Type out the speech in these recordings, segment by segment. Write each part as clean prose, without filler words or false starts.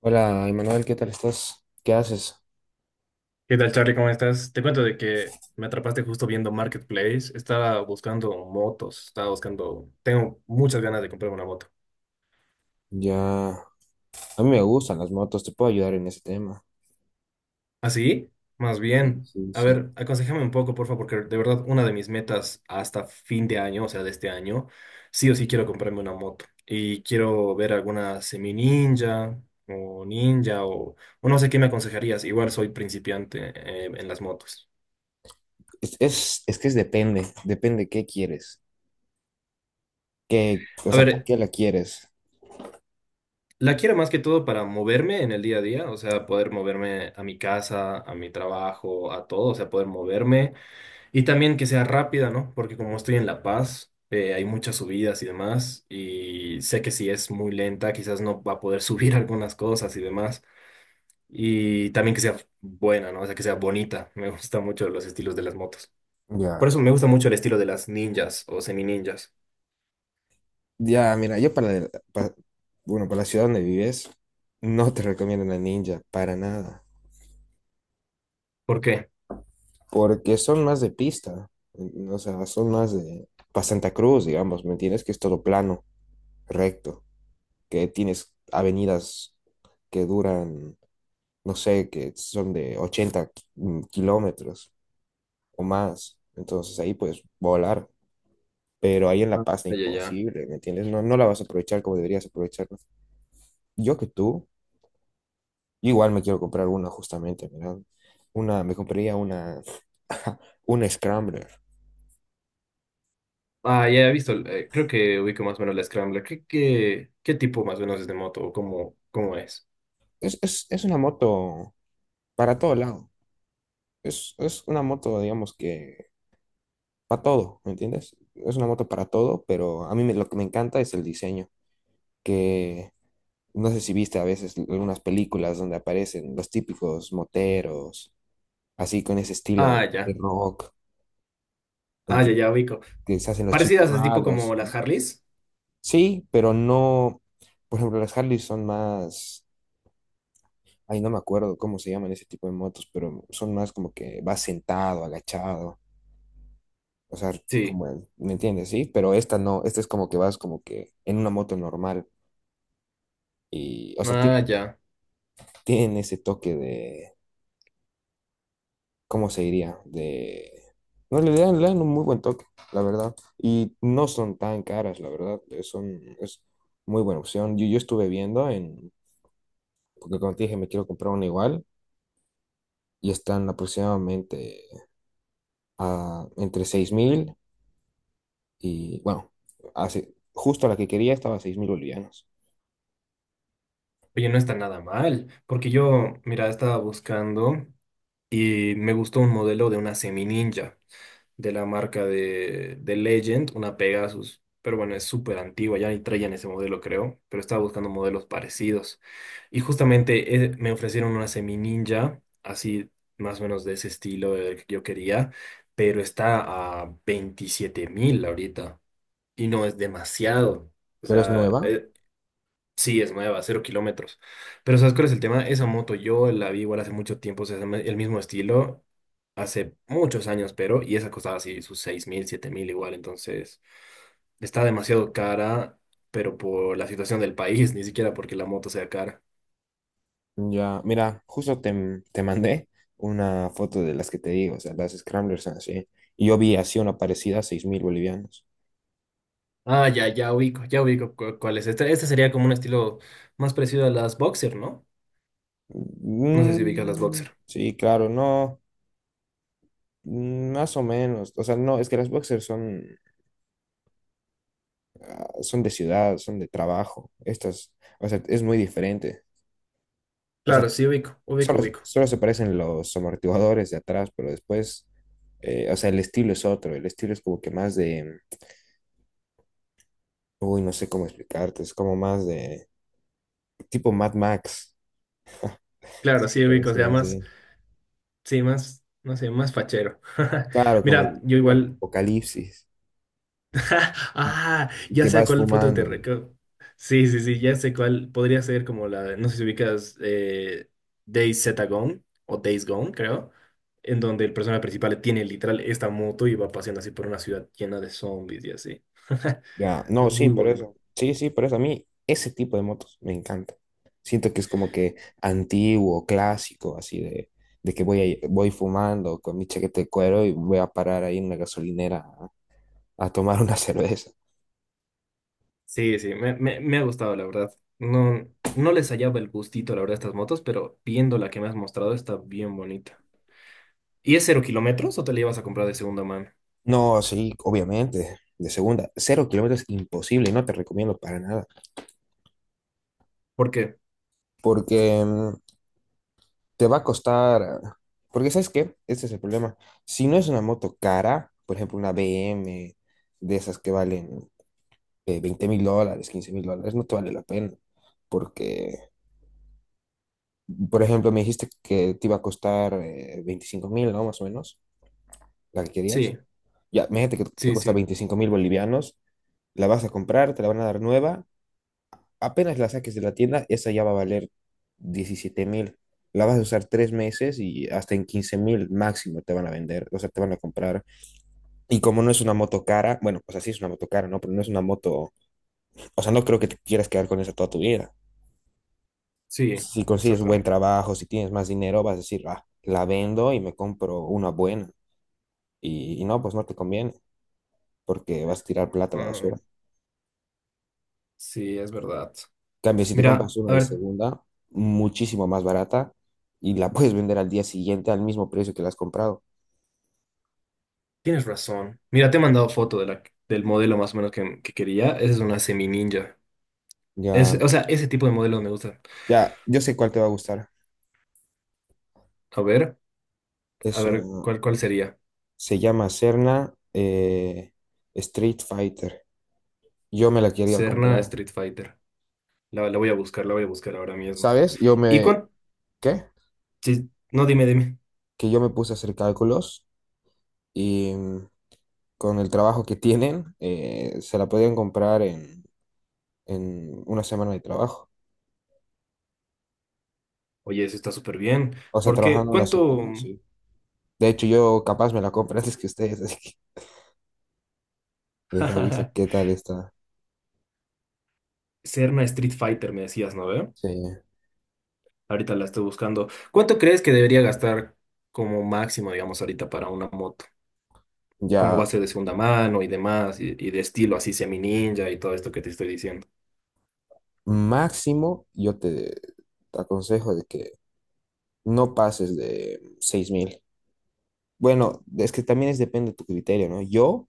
Hola, Emanuel, ¿qué tal estás? ¿Qué haces? ¿Qué tal, Charlie? ¿Cómo estás? Te cuento de que me atrapaste justo viendo Marketplace. Estaba buscando motos, estaba buscando... Tengo muchas ganas de comprarme una moto. Ya, a mí me gustan las motos, te puedo ayudar en ese tema. ¿Así? Más Sí, bien. sí, A sí. ver, aconsejame un poco, por favor, porque de verdad una de mis metas hasta fin de año, o sea, de este año, sí o sí quiero comprarme una moto. Y quiero ver alguna semi ninja o ninja o no sé qué me aconsejarías. Igual soy principiante en las motos. Es que es depende qué quieres, o A sea, ¿para ver, qué la quieres? La quiero más que todo para moverme en el día a día, o sea, poder moverme a mi casa, a mi trabajo, a todo, o sea, poder moverme y también que sea rápida, ¿no? Porque como estoy en La Paz, hay muchas subidas y demás, y sé que si es muy lenta, quizás no va a poder subir algunas cosas y demás, y también que sea buena, ¿no? O sea, que sea bonita. Me gusta mucho los estilos de las motos. Por Ya, eso me gusta mucho el estilo de las ninjas o semi ninjas. ya, mira, yo para, la- para- bueno, para la ciudad donde vives, no te recomiendo la Ninja, para nada, ¿Por qué? porque son más de pista, o sea, son más de, para Santa Cruz, digamos, ¿me entiendes? Que es todo plano, recto, que tienes avenidas que duran. No sé, que son de 80 kilómetros o más. Entonces ahí pues volar. Pero ahí en La Ah, Paz es ya, ya, ya. imposible, ¿me entiendes? No, no la vas a aprovechar como deberías aprovecharla. Yo que tú, igual me quiero comprar una justamente, ¿verdad? Me compraría una, una Scrambler. Ah, ya he visto, creo que ubico más o menos la Scrambler. ¿ qué tipo más o menos es de moto o cómo, cómo es? Es una moto para todo lado. Es una moto, digamos que, para todo, ¿me entiendes? Es una moto para todo, pero a mí lo que me encanta es el diseño, que no sé si viste a veces algunas películas donde aparecen los típicos moteros, así con ese Ah, estilo de ya. rock, Ah, ya, ¿entiendes? ya ubico. Que se hacen los chicos Parecidas es tipo malos, como ¿no? las Harleys. Sí, pero no, por ejemplo, las Harley son más, ay, no me acuerdo cómo se llaman ese tipo de motos, pero son más como que vas sentado, agachado, o sea, Sí. como, ¿me entiendes? Sí, pero esta no, esta es como que vas como que en una moto normal y, o sea, Ah, tiene, ya. tienen ese toque de ¿cómo se diría? De. No, le dan un muy buen toque, la verdad. Y no son tan caras, la verdad. Son es muy buena opción. Yo estuve viendo en, porque como te dije, me quiero comprar una igual y están aproximadamente entre 6 mil y, bueno, justo la que quería estaba a 6 mil bolivianos. Oye, no está nada mal, porque yo, mira, estaba buscando y me gustó un modelo de una semi ninja. De la marca de Legend, una Pegasus. Pero bueno, es súper antigua, ya ni traían ese modelo, creo. Pero estaba buscando modelos parecidos. Y justamente me ofrecieron una Semi Ninja, así más o menos de ese estilo que yo quería. Pero está a 27.000 ahorita. Y no es demasiado. O Pero es sea, nueva. Sí, es nueva, cero kilómetros. Pero ¿sabes cuál es el tema? Esa moto yo la vi igual hace mucho tiempo, o sea, es el mismo estilo, hace muchos años, pero, y esa costaba así sus 6.000, 7.000 igual, entonces está demasiado cara, pero por la situación del país, ni siquiera porque la moto sea cara. Ya, mira, justo te mandé una foto de las que te digo, o sea, las Scramblers son así. Y yo vi así una parecida a 6 mil bolivianos. Ah, ya, ya ubico cu- cuál es. Este sería como un estilo más parecido a las Boxer, ¿no? No sé si ubicas las Mm, Boxer. sí, claro, no, más o menos. O sea, no, es que las boxers son, son de ciudad, son de trabajo. Estas, o sea, es muy diferente. O sea, Claro, sí ubico, solo, ubico, ubico. solo se parecen los amortiguadores de atrás, pero después, o sea, el estilo es otro. El estilo es como que más de, uy, no sé cómo explicarte, es como más de tipo Mad Max, Claro, si se sí puede ubico, o decir sea, más, así. sí, más, no sé, más fachero. Claro, como Mira, de yo un igual. apocalipsis y, Ah, y ya que sé a vas cuál foto te fumando. recuerdo. Sí, sí, sí, ya sé cuál. Podría ser como la, no sé si ubicas Days Z Gone o Days Gone, creo, en donde el personaje principal tiene literal esta moto y va paseando así por una ciudad llena de zombies y así. Ya, no, Es sí, muy por bueno. eso. Sí, sí, por eso a mí ese tipo de motos me encanta. Siento que es como que antiguo, clásico, así de que voy fumando con mi chaqueta de cuero y voy a parar ahí en una gasolinera a tomar una cerveza. Sí, sí, me ha gustado, la verdad. No, no les hallaba el gustito, la verdad, a estas motos, pero viendo la que me has mostrado está bien bonita. ¿Y es cero kilómetros o te la ibas a comprar de segunda mano? No, sí, obviamente, de segunda. Cero kilómetros, imposible, no te recomiendo para nada. Porque Porque te va a costar, porque ¿sabes qué? Este es el problema. Si no es una moto cara, por ejemplo, una BM de esas que valen, que 20 mil dólares, $15.000, no te vale la pena. Porque, por ejemplo, me dijiste que te iba a costar 25 mil, ¿no? Más o menos, la que querías. sí, Ya, imagínate que te sí, cuesta sí, 25.000 bolivianos, la vas a comprar, te la van a dar nueva. Apenas la saques de la tienda, esa ya va a valer 17.000. La vas a usar 3 meses y hasta en 15.000 máximo te van a vender, o sea, te van a comprar. Y como no es una moto cara, bueno, pues así es una moto cara, ¿no? Pero no es una moto, o sea, no creo que te quieras quedar con esa toda tu vida. sí, Si consigues buen exactamente. trabajo, si tienes más dinero, vas a decir, ah, la vendo y me compro una buena. Y no, pues no te conviene, porque vas a tirar plata a la Ah, basura. sí, es verdad. En cambio, si te compras Mira, una a de ver, segunda, muchísimo más barata, y la puedes vender al día siguiente al mismo precio que la has comprado. tienes razón. Mira, te he mandado foto de la, del modelo más o menos que quería. Esa es una semi ninja. Es, Ya, o sea, ese tipo de modelos me gustan. ya, yo sé cuál te va a gustar. A ver, a Es ver, una, ¿ cuál sería? se llama Serna Street Fighter. Yo me la quería Serna comprar. Street Fighter. La voy a buscar, la voy a buscar ahora mismo. ¿Sabes? Yo ¿Y me, cuánto? ¿qué? No, dime, dime. Que yo me puse a hacer cálculos y con el trabajo que tienen, se la podían comprar en una semana de trabajo. Oye, eso está súper bien. O sea, ¿Por qué? trabajando una ¿Cuánto? semana, sí. De hecho, yo capaz me la compro antes que ustedes, así que les aviso qué tal está. Serna Street Fighter, me decías, ¿no ve? Sí. Ahorita la estoy buscando. ¿Cuánto crees que debería gastar como máximo, digamos, ahorita para una moto? ¿Cómo va Ya, a ser de segunda mano y demás? Y de estilo así semi-ninja y todo esto que te estoy diciendo. máximo, yo te aconsejo de que no pases de 6.000. Bueno, es que también es depende de tu criterio, ¿no? Yo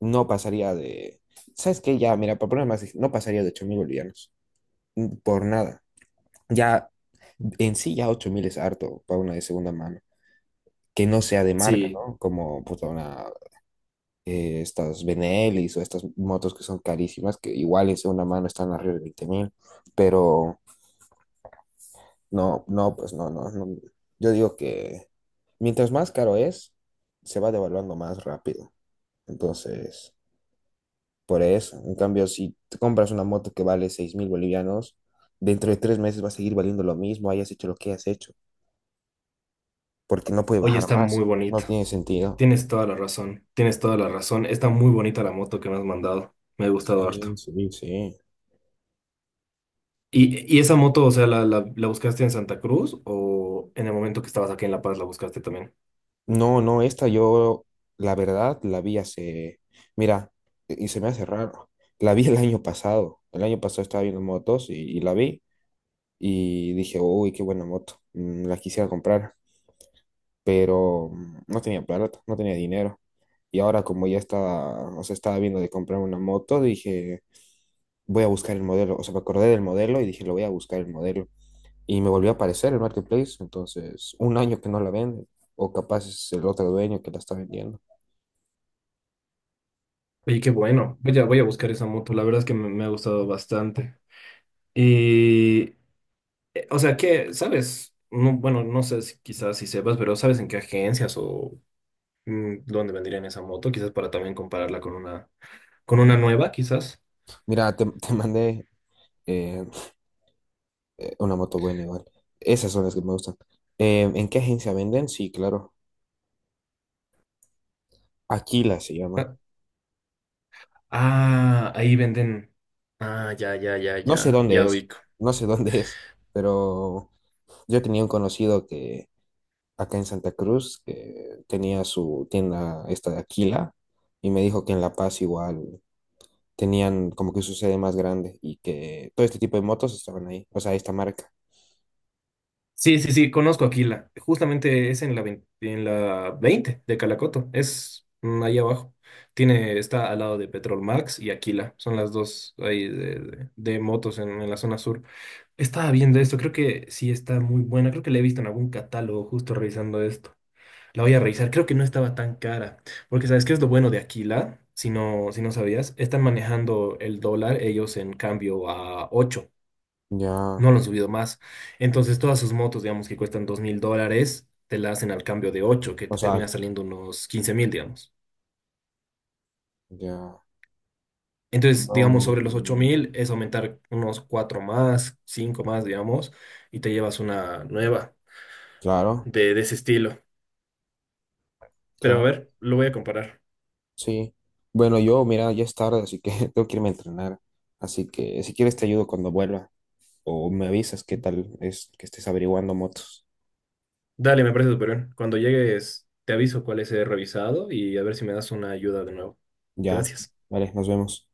no pasaría de. ¿Sabes qué? Ya, mira, para poner más, no pasaría de 8.000 bolivianos. Por nada. Ya en sí ya 8.000 es harto para una de segunda mano, que no sea de marca, Sí, ¿no? Como puta, una, estas Benelis o estas motos que son carísimas, que igual en segunda mano están arriba de 20.000, pero no, no, pues no, no, no. Yo digo que mientras más caro es, se va devaluando más rápido. Entonces, por eso, en cambio, si te compras una moto que vale 6.000 bolivianos, dentro de 3 meses va a seguir valiendo lo mismo, hayas hecho lo que hayas hecho. Porque no puede oye, bajar está muy más. No bonita. tiene sentido. Tienes toda la razón, tienes toda la razón. Está muy bonita la moto que me has mandado. Me ha gustado harto. Sí, sí, sí. Y, y esa moto, o sea, la buscaste en Santa Cruz o en el momento que estabas aquí en La Paz la buscaste también? No, no, esta yo, la verdad, la vi mira, y se me hace raro. La vi el año pasado. El año pasado estaba viendo motos y la vi y dije, uy, qué buena moto. La quisiera comprar, pero no tenía plata, no tenía dinero. Y ahora como ya estaba, o sea, estaba viendo de comprar una moto, dije, voy a buscar el modelo. O sea, me acordé del modelo y dije, lo voy a buscar el modelo. Y me volvió a aparecer el marketplace, entonces un año que no la venden, o capaz es el otro dueño que la está vendiendo. Oye, qué bueno. Voy a, voy a buscar esa moto. La verdad es que me me ha gustado bastante. Y, o sea, que, ¿sabes? No, bueno, no sé si quizás si sepas, pero ¿sabes en qué agencias o dónde vendrían esa moto? Quizás para también compararla con una nueva, quizás. Mira, te, te mandé eh, una moto buena igual. Esas son las que me gustan. ¿En qué agencia venden? Sí, claro. Aquila se llama. Ah, ah, ahí venden. Ah, ya, ya, ya, No sé ya, dónde ya es, ubico. no sé dónde es, pero yo tenía un conocido que acá en Santa Cruz, que tenía su tienda esta de Aquila, y me dijo que en La Paz igual tenían como que su sede más grande y que todo este tipo de motos estaban ahí, o sea, esta marca. Sí, sí, sí, conozco Aquila. Justamente es en la 20 en la 20 de Calacoto. Es ahí abajo. Tiene, está al lado de Petrolmax y Aquila. Son las dos ahí de, de motos en la zona sur. Estaba viendo esto, creo que sí está muy buena. Creo que la he visto en algún catálogo justo revisando esto. La voy a revisar. Creo que no estaba tan cara. Porque ¿sabes qué es lo bueno de Aquila? Si no, si no sabías, están manejando el dólar ellos en cambio a 8 Ya, no lo han subido más. Entonces, todas sus motos, digamos, que cuestan $2.000, te la hacen al cambio de 8 que o te sea, termina saliendo unos 15.000, digamos. ya. Entonces, digamos, No, sobre los 8.000 es aumentar unos 4 más, 5 más, digamos, y te llevas una nueva claro, de ese estilo. Pero a claro, ver, lo voy a comparar. sí. Bueno, yo, mira, ya es tarde, así que tengo que irme a entrenar. Así que si quieres te ayudo cuando vuelva o me avisas qué tal es que estés averiguando motos. Dale, me parece súper bien. Cuando llegues, te aviso cuáles he revisado y a ver si me das una ayuda de nuevo. Ya, Gracias. vale, nos vemos.